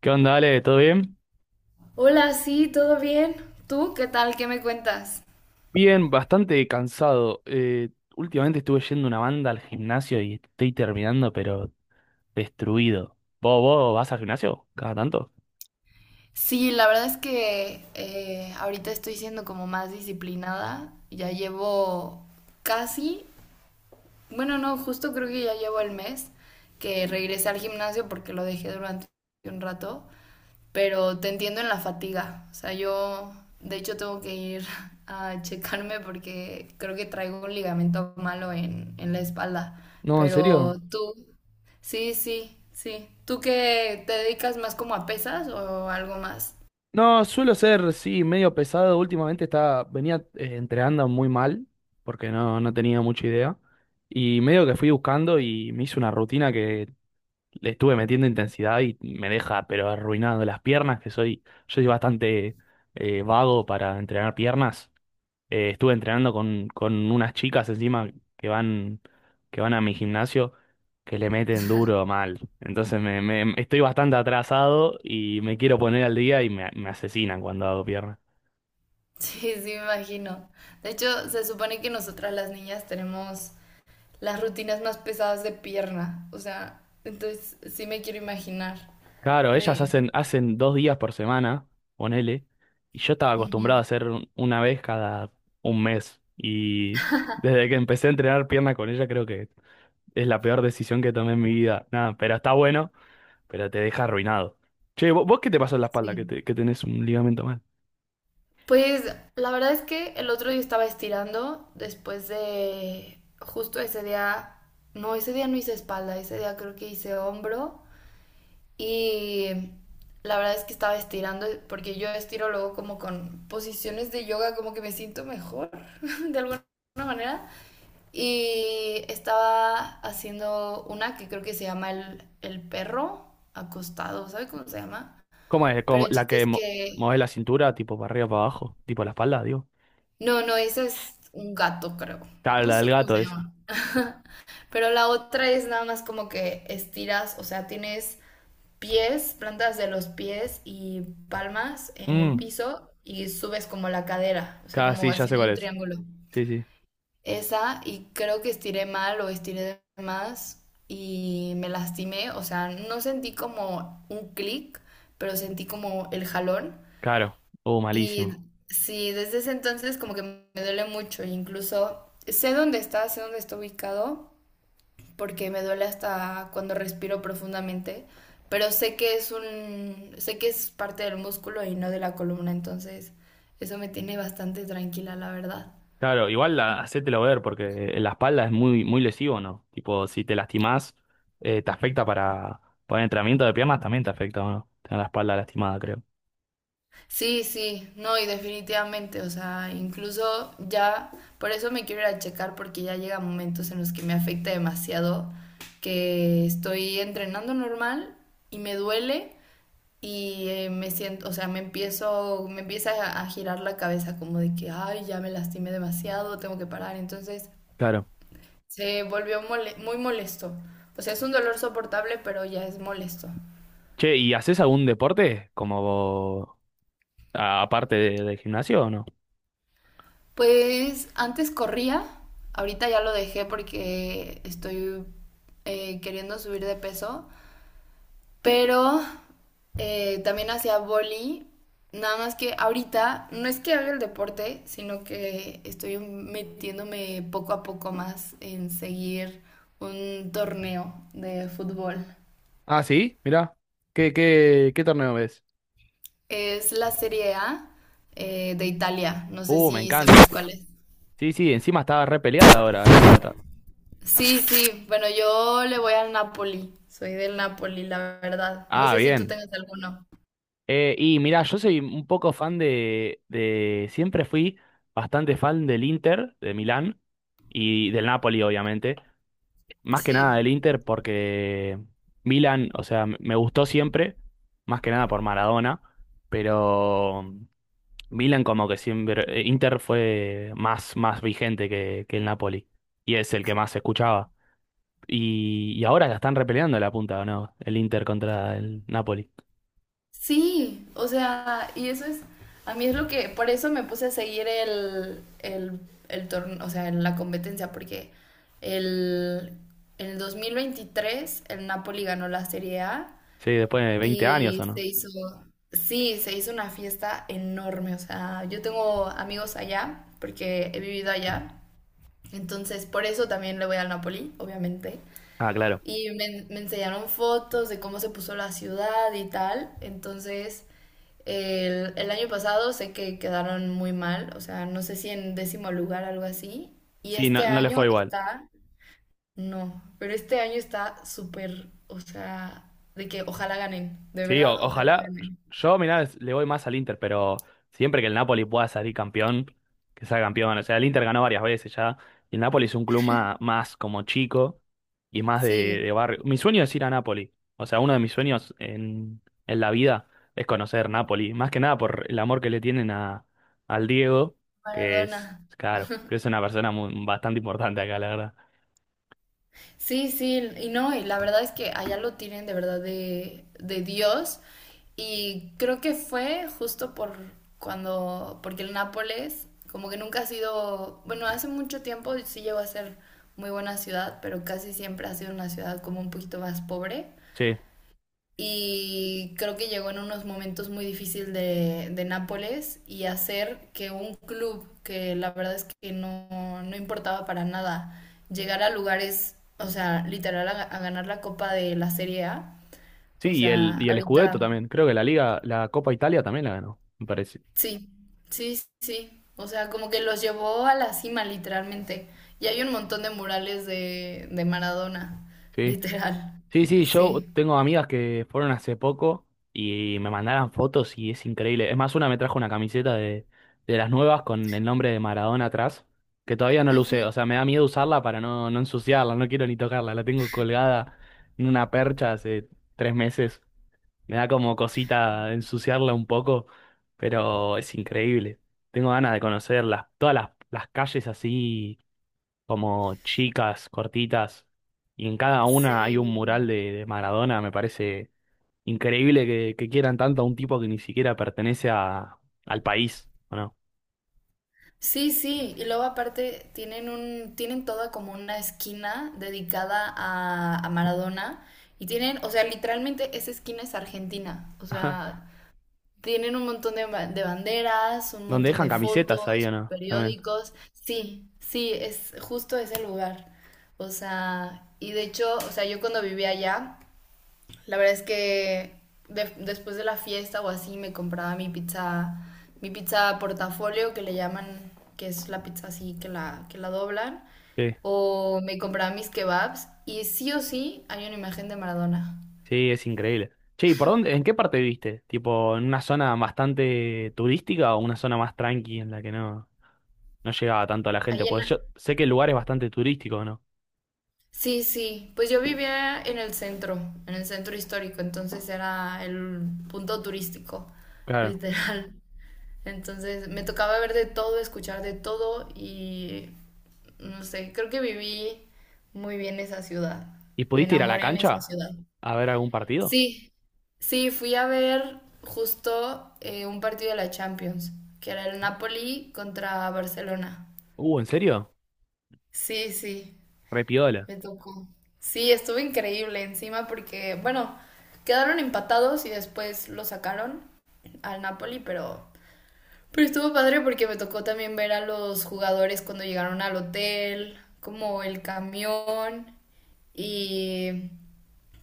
¿Qué onda, Ale? ¿Todo bien? Hola, sí, ¿todo bien? ¿Tú qué tal? ¿Qué me cuentas? Bien, bastante cansado. Últimamente estuve yendo una banda al gimnasio y estoy terminando, pero destruido. ¿Vos vas al gimnasio? ¿Cada tanto? Sí, la verdad es que ahorita estoy siendo como más disciplinada. Ya llevo casi, bueno, no, justo creo que ya llevo el mes que regresé al gimnasio porque lo dejé durante un rato, pero te entiendo en la fatiga. O sea, yo de hecho tengo que ir a checarme porque creo que traigo un ligamento malo en la espalda. No, ¿en Pero serio? tú, sí, sí, sí. ¿Tú que te dedicas más como a pesas o algo más? No, suelo ser, sí, medio pesado. Últimamente estaba, venía entrenando muy mal, porque no tenía mucha idea. Y medio que fui buscando y me hice una rutina que le estuve metiendo intensidad y me deja, pero arruinado las piernas, que soy, yo soy bastante vago para entrenar piernas. Estuve entrenando con unas chicas encima que van, que van a mi gimnasio que le meten duro mal. Entonces estoy bastante atrasado y me quiero poner al día y me asesinan cuando hago pierna. Sí, sí, me imagino. De hecho, se supone que nosotras las niñas tenemos las rutinas más pesadas de pierna. O sea, entonces sí me quiero imaginar. Claro, ellas De... hacen 2 días por semana, ponele, y yo estaba Ujú, acostumbrado a hacer una vez cada un mes. Y desde que empecé a entrenar pierna con ella creo que es la peor decisión que tomé en mi vida. Nada, pero está bueno, pero te deja arruinado. Che, ¿vos, qué te pasó en la espalda? sí. Que, que tenés un ligamento mal. Pues la verdad es que el otro día estaba estirando después de... Justo ese día no hice espalda, ese día creo que hice hombro. Y la verdad es que estaba estirando, porque yo estiro luego como con posiciones de yoga, como que me siento mejor, de alguna manera. Y estaba haciendo una que creo que se llama el perro acostado, ¿sabe cómo se llama? ¿Cómo es? Pero el ¿La chiste que es que... mueve la cintura, tipo para arriba, para abajo? Tipo la espalda, digo. No, no, esa es un gato, creo. Claro, No la sé del cómo gato se llama. esa. Pero la otra es nada más como que estiras, o sea, tienes pies, plantas de los pies y palmas en el Mm, piso y subes como la cadera, o sea, claro, como sí, ya sé haciendo cuál un es. triángulo. Sí, sí. Esa, y creo que estiré mal o estiré de más y me lastimé, o sea, no sentí como un clic, pero sentí como el jalón. Claro. Oh, Y malísimo. sí, desde ese entonces como que me duele mucho, e incluso sé dónde está ubicado, porque me duele hasta cuando respiro profundamente, pero sé que es un, sé que es parte del músculo y no de la columna, entonces eso me tiene bastante tranquila, la verdad. Claro, igual la, hacételo ver, porque en la espalda es muy, muy lesivo, ¿no? Tipo, si te lastimás, te afecta para el entrenamiento de piernas, también te afecta, ¿o ¿no? Tener la espalda lastimada, creo. Sí, sí, no, y definitivamente, o sea, incluso ya, por eso me quiero ir a checar porque ya llega momentos en los que me afecta demasiado, que estoy entrenando normal y me duele, y me siento, o sea, me empiezo, me empieza a girar la cabeza como de que, ay, ya me lastimé demasiado, tengo que parar. Entonces Claro. se volvió muy molesto. O sea, es un dolor soportable, pero ya es molesto. Che, ¿y haces algún deporte? Como, aparte del gimnasio o no? Pues antes corría, ahorita ya lo dejé porque estoy queriendo subir de peso. Pero también hacía boli, nada más que ahorita no es que haga el deporte, sino que estoy metiéndome poco a poco más en seguir un torneo de fútbol. Ah, sí, mirá. ¿Qué torneo ves? Es la Serie A de Italia, no sé Me si encanta, sepas sí. cuál es. Sí, sí, encima estaba re peleada ahora la punta. Sí, sí, bueno, yo le voy al Napoli, soy del Napoli, la verdad. No Ah, sé si tú bien. tengas alguno. Y mirá, yo soy un poco fan de. Siempre fui bastante fan del Inter, de Milán, y del Napoli, obviamente. Más que nada Sí. del Inter porque Milán, o sea, me gustó siempre, más que nada por Maradona, pero. Milan como que siempre, Inter fue más, más vigente que el Napoli y es el que más se escuchaba. Y ahora la están repeleando la punta, ¿o no? El Inter contra el Napoli. Sí, o sea, y eso es, a mí es lo que, por eso me puse a seguir el torneo, o sea, en la competencia, porque el, en el 2023 el Napoli ganó la Serie A Sí, después de 20 años, y ¿o se no? hizo, sí, se hizo una fiesta enorme, o sea, yo tengo amigos allá, porque he vivido allá, entonces por eso también le voy al Napoli, obviamente. Ah, claro. Y me enseñaron fotos de cómo se puso la ciudad y tal, entonces... El año pasado sé que quedaron muy mal, o sea, no sé si en décimo lugar, algo así. Y Sí, no, este no le fue año igual. está, no, pero este año está súper, o sea, de que ojalá ganen, de Sí, verdad, ojalá ojalá. ganen. Yo, mirá, le voy más al Inter, pero siempre que el Napoli pueda salir campeón, que sea campeón. O sea, el Inter ganó varias veces ya. Y el Napoli es un club más, como chico y más Sí, de barrio. Mi sueño es ir a Napoli. O sea, uno de mis sueños en la vida es conocer Napoli. Más que nada por el amor que le tienen a, al Diego, que es, Maradona. claro, que es una persona bastante importante acá, la verdad. Sí, sí, y no, y la verdad es que allá lo tienen de verdad de Dios. Y creo que fue justo por cuando, porque el Nápoles como que nunca ha sido, bueno, hace mucho tiempo sí llegó a ser muy buena ciudad, pero casi siempre ha sido una ciudad como un poquito más pobre Sí, y creo que llegó en unos momentos muy difíciles de Nápoles y hacer que un club que la verdad es que no, no importaba para nada llegar a lugares, o sea, literal a ganar la Copa de la Serie A, sí, o sea, y el Scudetto ahorita también. Creo que la Liga, la Copa Italia también la ganó, me parece. sí, sí. O sea, como que los llevó a la cima literalmente. Y hay un montón de murales de Maradona, Sí. literal, Sí, sí, yo sí. tengo amigas que fueron hace poco y me mandaron fotos y es increíble. Es más, una me trajo una camiseta de las nuevas con el nombre de Maradona atrás, que todavía no lo Ujú. usé. O sea, me da miedo usarla para no ensuciarla, no quiero ni tocarla. La tengo colgada en una percha hace 3 meses. Me da como cosita ensuciarla un poco, pero es increíble. Tengo ganas de conocerlas, todas las calles así como chicas, cortitas, y en cada una hay un Sí. mural de Maradona. Me parece increíble que quieran tanto a un tipo que ni siquiera pertenece a, al país, ¿o no? Sí, sí, y luego aparte tienen un, tienen toda como una esquina dedicada a Maradona y tienen, o sea, literalmente esa esquina es Argentina, o sea, tienen un montón de, de banderas, un Donde montón dejan de camisetas ahí, ¿o fotos, no? También. periódicos, sí, sí, es justo ese lugar, o sea, y de hecho, o sea, yo cuando vivía allá la verdad es que después de la fiesta o así me compraba mi pizza portafolio que le llaman, que es la pizza así que la doblan, Sí, o me compraba mis kebabs y sí o sí hay una imagen de Maradona. sí, es increíble. Che, ¿y por dónde, en qué parte viste? ¿Tipo en una zona bastante turística o una zona más tranqui en la que no llegaba tanto a la gente? Ahí Porque yo en- sé que el lugar es bastante turístico, ¿no? sí, sí, pues yo vivía en el centro histórico, entonces era el punto turístico, Claro. literal. Entonces me tocaba ver de todo, escuchar de todo y no sé, creo que viví muy bien esa ciudad. ¿Y Me pudiste ir a la enamoré en esa cancha ciudad. a ver algún partido? Sí, sí, fui a ver justo un partido de la Champions, que era el Napoli contra Barcelona. ¿En serio? Sí, sí, Repiola. me tocó. Sí, estuvo increíble encima porque, bueno, quedaron empatados y después lo sacaron al Napoli, pero estuvo padre porque me tocó también ver a los jugadores cuando llegaron al hotel, como el camión y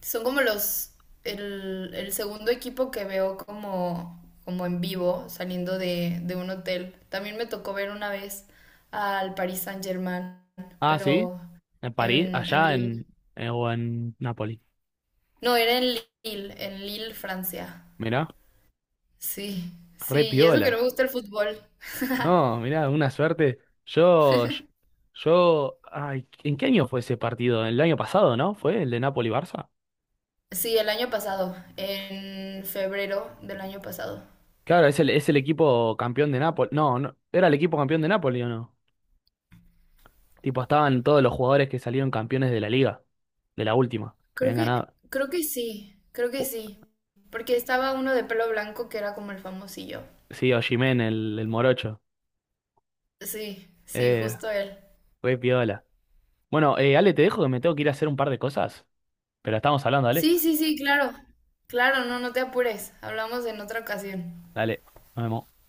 son como los el segundo equipo que veo como como en vivo saliendo de un hotel. También me tocó ver una vez al Paris Saint-Germain, Ah, sí, pero en París, en allá Lille. en, o en Nápoles. No, era en Lille, Francia. Mirá, Sí, sí, re y eso que no me piola. gusta el fútbol. No, mirá, una suerte. Yo, yo, ay, ¿en qué año fue ese partido? El año pasado, ¿no? ¿Fue el de Napoli-Barça? Sí, el año pasado, en febrero del año pasado. Claro, es el equipo campeón de Nápoles. No, no, ¿era el equipo campeón de Nápoles o no? Tipo, estaban todos los jugadores que salieron campeones de la liga, de la última, que habían ganado. Creo que sí, creo que Pu- sí. Porque estaba uno de pelo blanco que era como el famosillo. Sí, Osimhen, el morocho. Sí, sí, Eh, justo él. re piola. Bueno, Ale, te dejo que me tengo que ir a hacer un par de cosas, pero estamos hablando, Ale. Sí, sí, sí, claro. Claro, no, no te apures. Hablamos en otra ocasión. Dale, nos vemos.